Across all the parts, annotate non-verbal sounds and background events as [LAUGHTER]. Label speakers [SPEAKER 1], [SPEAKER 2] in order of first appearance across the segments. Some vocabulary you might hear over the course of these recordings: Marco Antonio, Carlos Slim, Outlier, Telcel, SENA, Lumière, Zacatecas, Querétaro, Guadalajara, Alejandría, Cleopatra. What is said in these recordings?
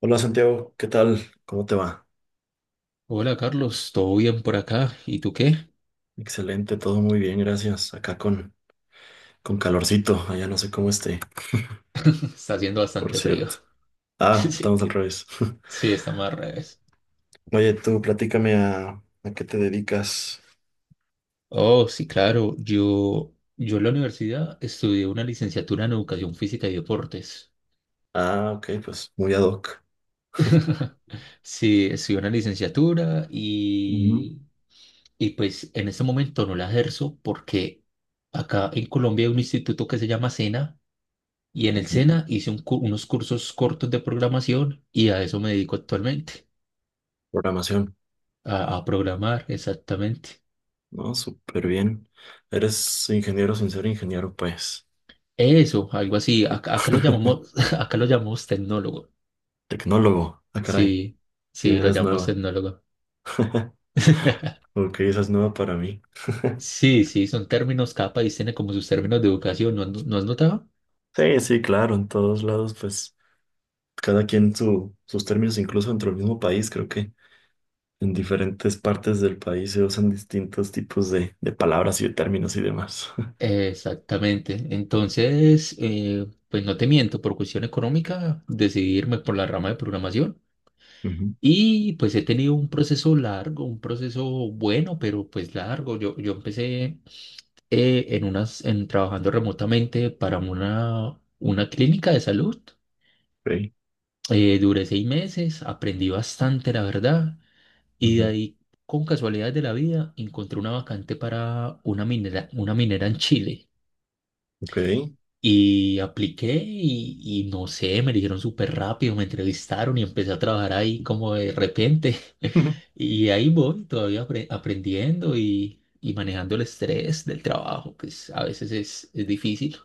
[SPEAKER 1] Hola Santiago, ¿qué tal? ¿Cómo te va?
[SPEAKER 2] Hola Carlos, ¿todo bien por acá? ¿Y tú qué?
[SPEAKER 1] Excelente, todo muy bien, gracias. Acá con calorcito, allá no sé cómo esté,
[SPEAKER 2] [LAUGHS] Está haciendo
[SPEAKER 1] por
[SPEAKER 2] bastante frío.
[SPEAKER 1] cierto.
[SPEAKER 2] [LAUGHS]
[SPEAKER 1] Ah, estamos
[SPEAKER 2] Sí,
[SPEAKER 1] al revés. [LAUGHS]
[SPEAKER 2] sí, está más al revés.
[SPEAKER 1] Oye, tú platícame a qué te dedicas.
[SPEAKER 2] Oh, sí, claro. Yo en la universidad estudié una licenciatura en educación física y deportes.
[SPEAKER 1] Ah, ok, pues muy ad hoc.
[SPEAKER 2] [LAUGHS] Sí, estudié una licenciatura
[SPEAKER 1] Ujú.
[SPEAKER 2] y, y pues en este momento no la ejerzo porque acá en Colombia hay un instituto que se llama SENA y en el
[SPEAKER 1] Ujú.
[SPEAKER 2] SENA hice unos cursos cortos de programación y a eso me dedico actualmente,
[SPEAKER 1] Programación,
[SPEAKER 2] a programar exactamente.
[SPEAKER 1] ¿no? Súper bien. Eres ingeniero sin ser ingeniero, pues.
[SPEAKER 2] Eso, algo así. Acá lo llamamos, [LAUGHS] acá lo llamamos tecnólogo.
[SPEAKER 1] Tecnólogo, ah, caray.
[SPEAKER 2] Sí,
[SPEAKER 1] Sí,
[SPEAKER 2] sí, lo
[SPEAKER 1] eres
[SPEAKER 2] llamamos
[SPEAKER 1] nueva.
[SPEAKER 2] tecnólogo.
[SPEAKER 1] [LAUGHS]
[SPEAKER 2] [LAUGHS]
[SPEAKER 1] Ok, esa es nueva para mí. [LAUGHS]
[SPEAKER 2] Sí, sí, son términos, cada país tiene como sus términos de educación, ¿no, has no has notado?
[SPEAKER 1] Sí, sí, claro, en todos lados, pues. Cada quien sus términos, incluso dentro del mismo país, creo que en diferentes partes del país se usan distintos tipos de palabras y de términos y demás.
[SPEAKER 2] Exactamente. Entonces, pues no te miento, por cuestión económica decidí irme por la rama de programación
[SPEAKER 1] [LAUGHS] Ujú.
[SPEAKER 2] y pues he tenido un proceso largo, un proceso bueno, pero pues largo. Yo empecé en en trabajando remotamente para una clínica de salud.
[SPEAKER 1] Ok.
[SPEAKER 2] Duré seis meses, aprendí bastante, la verdad, y de
[SPEAKER 1] Ujú.
[SPEAKER 2] ahí, con casualidades de la vida, encontré una vacante para una minera en Chile.
[SPEAKER 1] Ok.
[SPEAKER 2] Y apliqué y no sé, me dijeron súper rápido, me entrevistaron y empecé a trabajar ahí como de repente. [LAUGHS]
[SPEAKER 1] Ujú. [LAUGHS]
[SPEAKER 2] Y ahí voy, todavía aprendiendo y manejando el estrés del trabajo, a veces es difícil.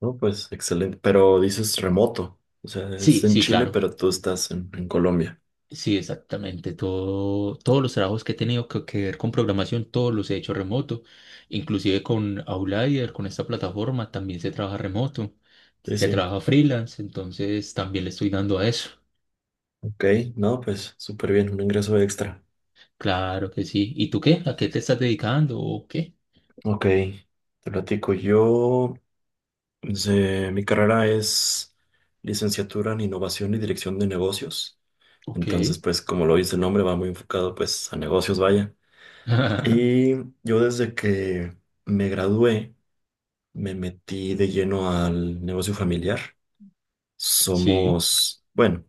[SPEAKER 1] No, pues excelente. Pero dices remoto. O sea, es
[SPEAKER 2] Sí,
[SPEAKER 1] en
[SPEAKER 2] sí,
[SPEAKER 1] Chile,
[SPEAKER 2] claro.
[SPEAKER 1] pero tú estás en Colombia.
[SPEAKER 2] Sí, exactamente. Todo, todos los trabajos que he tenido que ver con programación, todos los he hecho remoto. Inclusive con Outlier, con esta plataforma, también se trabaja remoto.
[SPEAKER 1] Sí,
[SPEAKER 2] Se
[SPEAKER 1] sí.
[SPEAKER 2] trabaja freelance, entonces también le estoy dando a eso.
[SPEAKER 1] Ok. No, pues súper bien. Un ingreso extra.
[SPEAKER 2] Claro que sí. ¿Y tú qué? ¿A qué te estás dedicando? ¿O qué?
[SPEAKER 1] Ok. Te platico. Yo, pues, mi carrera es licenciatura en innovación y dirección de negocios.
[SPEAKER 2] Ok.
[SPEAKER 1] Entonces, pues como lo dice el nombre, va muy enfocado pues a negocios, vaya.
[SPEAKER 2] [LAUGHS]
[SPEAKER 1] Y yo desde que me gradué, me metí de lleno al negocio familiar.
[SPEAKER 2] Sí.
[SPEAKER 1] Somos, bueno,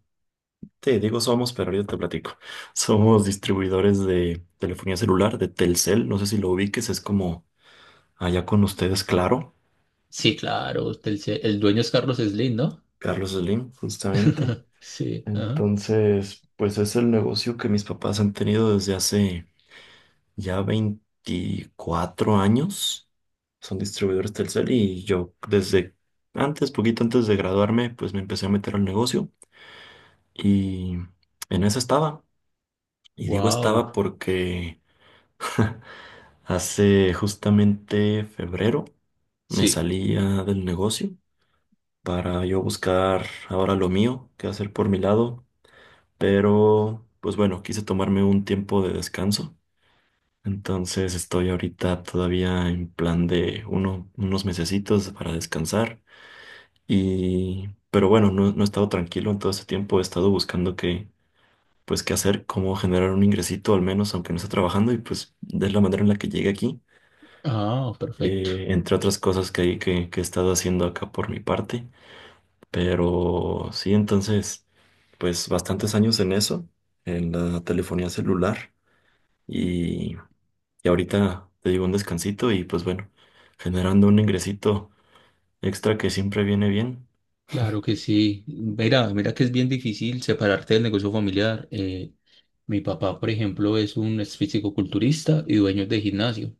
[SPEAKER 1] te digo somos, pero ahorita te platico. [LAUGHS] Somos distribuidores de telefonía celular, de Telcel. No sé si lo ubiques, es como allá con ustedes, claro.
[SPEAKER 2] Sí, claro. El dueño es Carlos Slim, ¿no?
[SPEAKER 1] Carlos Slim, justamente.
[SPEAKER 2] Sí. Ajá.
[SPEAKER 1] Entonces, pues es el negocio que mis papás han tenido desde hace ya 24 años. Son distribuidores Telcel y yo desde antes, poquito antes de graduarme, pues me empecé a meter al negocio y en eso estaba. Y digo
[SPEAKER 2] Wow.
[SPEAKER 1] estaba porque [LAUGHS] hace justamente febrero me
[SPEAKER 2] Sí.
[SPEAKER 1] salía del negocio para yo buscar ahora lo mío, qué hacer por mi lado, pero pues bueno, quise tomarme un tiempo de descanso. Entonces estoy ahorita todavía en plan de unos mesecitos para descansar y pero bueno, no, no he estado tranquilo en todo este tiempo, he estado buscando qué, pues qué hacer, cómo generar un ingresito al menos aunque no esté trabajando y pues de la manera en la que llegué aquí,
[SPEAKER 2] Ah, perfecto.
[SPEAKER 1] entre otras cosas que que he estado haciendo acá por mi parte, pero sí, entonces pues bastantes años en eso, en la telefonía celular. y Y ahorita te digo un descansito y pues bueno, generando un ingresito extra que siempre viene bien.
[SPEAKER 2] Claro que sí. Mira, mira que es bien difícil separarte del negocio familiar. Mi papá, por ejemplo, es un ex fisicoculturista y dueño de gimnasio.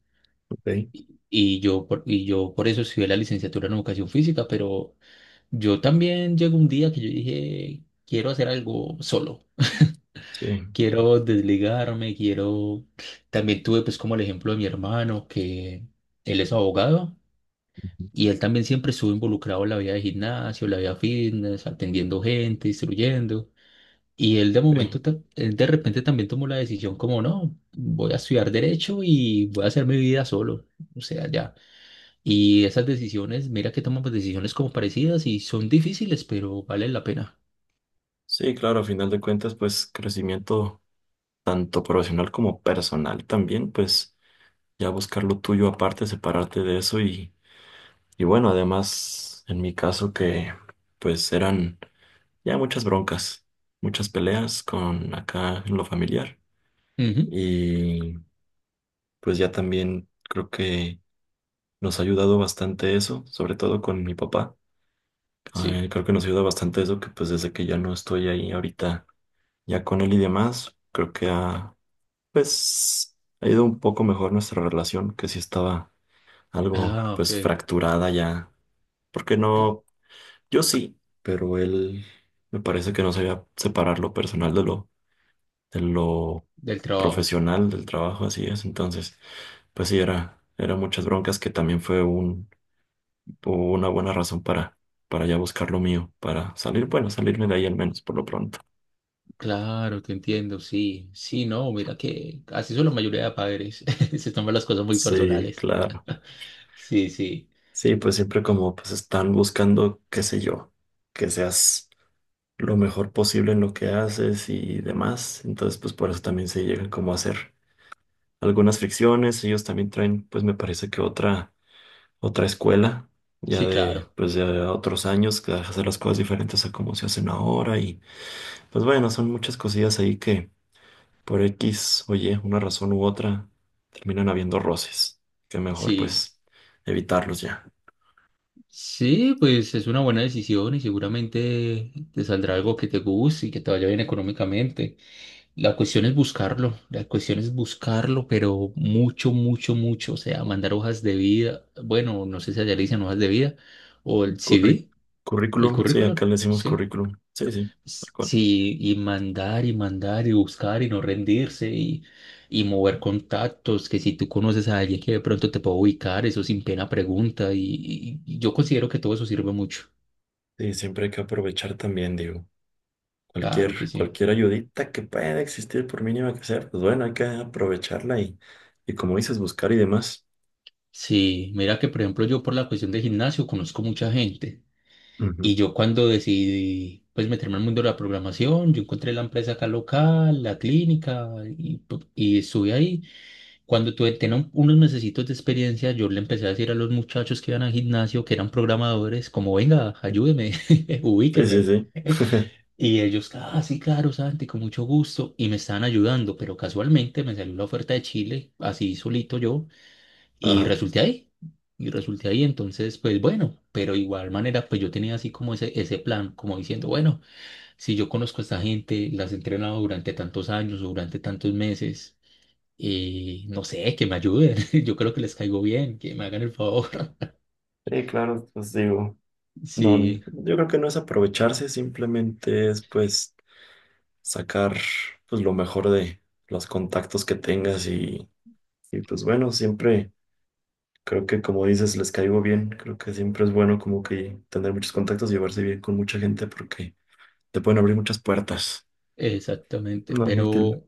[SPEAKER 1] Ok.
[SPEAKER 2] Y y yo por eso estudié la licenciatura en educación física, pero yo también llegó un día que yo dije, quiero hacer algo solo.
[SPEAKER 1] Sí,
[SPEAKER 2] Quiero desligarme, quiero... También tuve pues como el ejemplo de mi hermano, que él es abogado. Y él también siempre estuvo involucrado en la vida de gimnasio, la vida fitness, atendiendo gente, instruyendo. Y
[SPEAKER 1] sí.
[SPEAKER 2] él de repente también tomó la decisión como, no, voy a estudiar derecho y voy a hacer mi vida solo. O sea, ya. Y esas decisiones, mira que toman pues, decisiones como parecidas y son difíciles, pero valen la pena.
[SPEAKER 1] Sí, claro, a final de cuentas, pues crecimiento tanto profesional como personal también, pues ya buscar lo tuyo aparte, separarte de eso y bueno, además en mi caso que pues eran ya muchas broncas, muchas peleas con acá en lo familiar
[SPEAKER 2] Ujú,
[SPEAKER 1] y pues ya también creo que nos ha ayudado bastante eso, sobre todo con mi papá.
[SPEAKER 2] sí.
[SPEAKER 1] Creo que nos ayuda bastante eso, que pues desde que ya no estoy ahí ahorita, ya con él y demás, creo que ha, pues, ha ido un poco mejor nuestra relación, que sí estaba algo,
[SPEAKER 2] Ah, ok.
[SPEAKER 1] pues, fracturada ya. Porque no, yo sí, pero él me parece que no sabía separar lo personal de de lo
[SPEAKER 2] Del trabajo.
[SPEAKER 1] profesional, del trabajo, así es. Entonces, pues sí, era muchas broncas que también fue o una buena razón para ya buscar lo mío, para salir, bueno, salirme de ahí al menos por lo pronto.
[SPEAKER 2] Claro, te entiendo. Sí, sí, no, mira que así son la mayoría de padres. [LAUGHS] Se toman las cosas muy
[SPEAKER 1] Sí,
[SPEAKER 2] personales.
[SPEAKER 1] claro.
[SPEAKER 2] [LAUGHS] Sí, sí.
[SPEAKER 1] Sí, pues siempre como pues están buscando, qué sé yo, que seas lo mejor posible en lo que haces y demás. Entonces, pues por eso también se llegan como a hacer algunas fricciones. Ellos también traen, pues me parece que otra escuela, ya
[SPEAKER 2] Sí,
[SPEAKER 1] de,
[SPEAKER 2] claro.
[SPEAKER 1] pues de otros años, que hace las cosas diferentes a como se hacen ahora. Y pues bueno, son muchas cosillas ahí que por X, oye, una razón u otra, terminan habiendo roces. Que mejor,
[SPEAKER 2] Sí.
[SPEAKER 1] pues, evitarlos ya.
[SPEAKER 2] Sí, pues es una buena decisión y seguramente te saldrá algo que te guste y que te vaya bien económicamente. La cuestión es buscarlo, la cuestión es buscarlo, pero mucho, mucho, mucho. O sea, mandar hojas de vida. Bueno, no sé si allá le dicen hojas de vida o el
[SPEAKER 1] Curri-
[SPEAKER 2] CV, el
[SPEAKER 1] currículum, sí, acá
[SPEAKER 2] currículum,
[SPEAKER 1] le decimos
[SPEAKER 2] sí.
[SPEAKER 1] currículum. Sí, sí, tal cual.
[SPEAKER 2] Sí, y mandar y mandar y buscar y no rendirse y mover contactos, que si tú conoces a alguien que de pronto te puede ubicar, eso sin pena pregunta y yo considero que todo eso sirve mucho.
[SPEAKER 1] Sí, siempre hay que aprovechar también, digo.
[SPEAKER 2] Claro que
[SPEAKER 1] Cualquier,
[SPEAKER 2] sí.
[SPEAKER 1] cualquier ayudita que pueda existir, por mínima que sea, pues bueno, hay que aprovecharla y como dices, buscar y demás.
[SPEAKER 2] Sí, mira que por ejemplo yo por la cuestión de gimnasio conozco mucha gente y
[SPEAKER 1] Ujú.
[SPEAKER 2] yo cuando decidí pues meterme al mundo de la programación, yo encontré la empresa acá local, la clínica y estuve ahí. Cuando tenía unos mesecitos de experiencia, yo le empecé a decir a los muchachos que iban al gimnasio, que eran programadores, como, venga, ayúdeme, [LAUGHS]
[SPEAKER 1] Sí, sí,
[SPEAKER 2] ubíqueme.
[SPEAKER 1] sí. [LAUGHS]
[SPEAKER 2] Y ellos, ah, sí, claro, Santi, con mucho gusto. Y me estaban ayudando, pero casualmente me salió la oferta de Chile, así solito yo, y
[SPEAKER 1] Ajá.
[SPEAKER 2] resulté ahí. Y resulté ahí, entonces, pues bueno, pero igual manera, pues yo tenía así como ese plan, como diciendo, bueno, si yo conozco a esta gente, las he entrenado durante tantos años, durante tantos meses. Y no sé, que me ayuden. [LAUGHS] Yo creo que les caigo bien, que me hagan el favor. [LAUGHS]
[SPEAKER 1] Sí, claro, pues digo, no,
[SPEAKER 2] Sí,
[SPEAKER 1] yo creo que no es aprovecharse, simplemente es pues, sacar pues lo mejor de los contactos que tengas y, pues bueno, siempre creo que como dices, les caigo bien, creo que siempre es bueno como que tener muchos contactos y llevarse bien con mucha gente porque te pueden abrir muchas puertas.
[SPEAKER 2] exactamente.
[SPEAKER 1] No, ni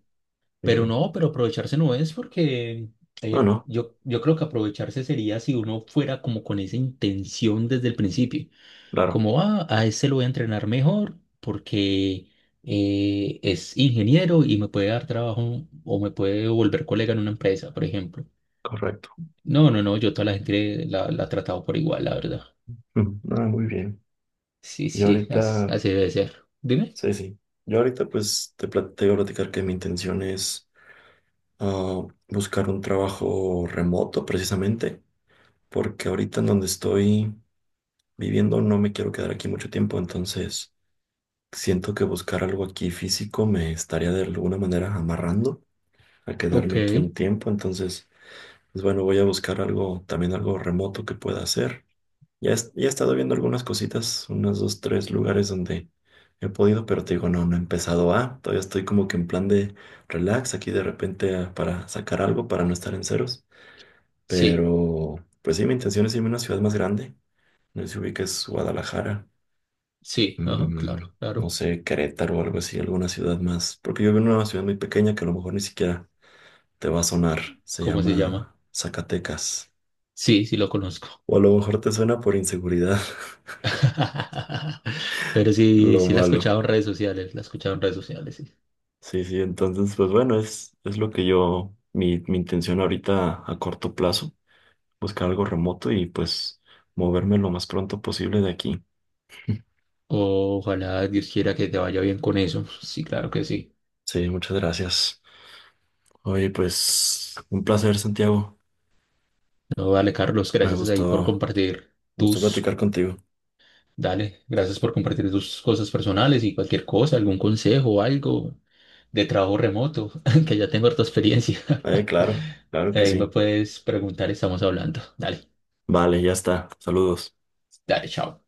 [SPEAKER 1] me
[SPEAKER 2] Pero
[SPEAKER 1] digo.
[SPEAKER 2] no, pero aprovecharse no es porque
[SPEAKER 1] No, no,
[SPEAKER 2] yo creo que aprovecharse sería si uno fuera como con esa intención desde el principio.
[SPEAKER 1] claro,
[SPEAKER 2] Como, ah, a ese lo voy a entrenar mejor porque es ingeniero y me puede dar trabajo o me puede volver colega en una empresa, por ejemplo.
[SPEAKER 1] correcto.
[SPEAKER 2] No, no, no, yo toda la gente la he tratado por igual, la verdad.
[SPEAKER 1] Mm, ah, muy bien.
[SPEAKER 2] Sí,
[SPEAKER 1] Y
[SPEAKER 2] sí,
[SPEAKER 1] ahorita,
[SPEAKER 2] así, debe ser. Dime.
[SPEAKER 1] sí, sí. Yo ahorita pues te planteo platicar que mi intención es, buscar un trabajo remoto precisamente, porque ahorita en donde estoy viviendo no me quiero quedar aquí mucho tiempo, entonces siento que buscar algo aquí físico me estaría de alguna manera amarrando a
[SPEAKER 2] Ok.
[SPEAKER 1] quedarme aquí un tiempo, entonces, pues bueno, voy a buscar algo, también algo remoto que pueda hacer. Ya, ya he estado viendo algunas cositas, unos dos, tres lugares donde he podido, pero te digo, no, no he empezado a, todavía estoy como que en plan de relax aquí de repente, para sacar algo, para no estar en ceros,
[SPEAKER 2] Sí,
[SPEAKER 1] pero pues sí, mi intención es irme a una ciudad más grande, no sé si ubiques Guadalajara.
[SPEAKER 2] sí, ajá,
[SPEAKER 1] Mm,
[SPEAKER 2] claro,
[SPEAKER 1] no
[SPEAKER 2] claro.
[SPEAKER 1] sé, Querétaro o algo así, alguna ciudad más. Porque yo vivo en una ciudad muy pequeña que a lo mejor ni siquiera te va a sonar. Se
[SPEAKER 2] ¿Cómo se llama?
[SPEAKER 1] llama Zacatecas.
[SPEAKER 2] Sí, sí lo conozco.
[SPEAKER 1] O a lo mejor te suena por inseguridad, [LAUGHS]
[SPEAKER 2] [LAUGHS] Pero sí,
[SPEAKER 1] lo
[SPEAKER 2] sí la he
[SPEAKER 1] malo.
[SPEAKER 2] escuchado en redes sociales, la he escuchado en redes sociales, sí.
[SPEAKER 1] Sí, sí, entonces, pues bueno, es lo que yo, mi intención ahorita a corto plazo, buscar algo remoto y pues moverme lo más pronto posible de aquí. [LAUGHS]
[SPEAKER 2] Ojalá Dios quiera que te vaya bien con eso. Sí, claro que sí.
[SPEAKER 1] Sí, muchas gracias. Oye, pues un placer, Santiago.
[SPEAKER 2] No, vale, Carlos,
[SPEAKER 1] Me
[SPEAKER 2] gracias ahí por
[SPEAKER 1] gustó,
[SPEAKER 2] compartir
[SPEAKER 1] me gustó
[SPEAKER 2] tus,
[SPEAKER 1] platicar contigo.
[SPEAKER 2] dale, gracias por compartir tus cosas personales y cualquier cosa, algún consejo o algo de trabajo remoto, [LAUGHS] que ya tengo harta experiencia.
[SPEAKER 1] Claro,
[SPEAKER 2] [LAUGHS]
[SPEAKER 1] claro que
[SPEAKER 2] Ahí me
[SPEAKER 1] sí.
[SPEAKER 2] puedes preguntar, estamos hablando. Dale,
[SPEAKER 1] Vale, ya está. Saludos.
[SPEAKER 2] dale, chao.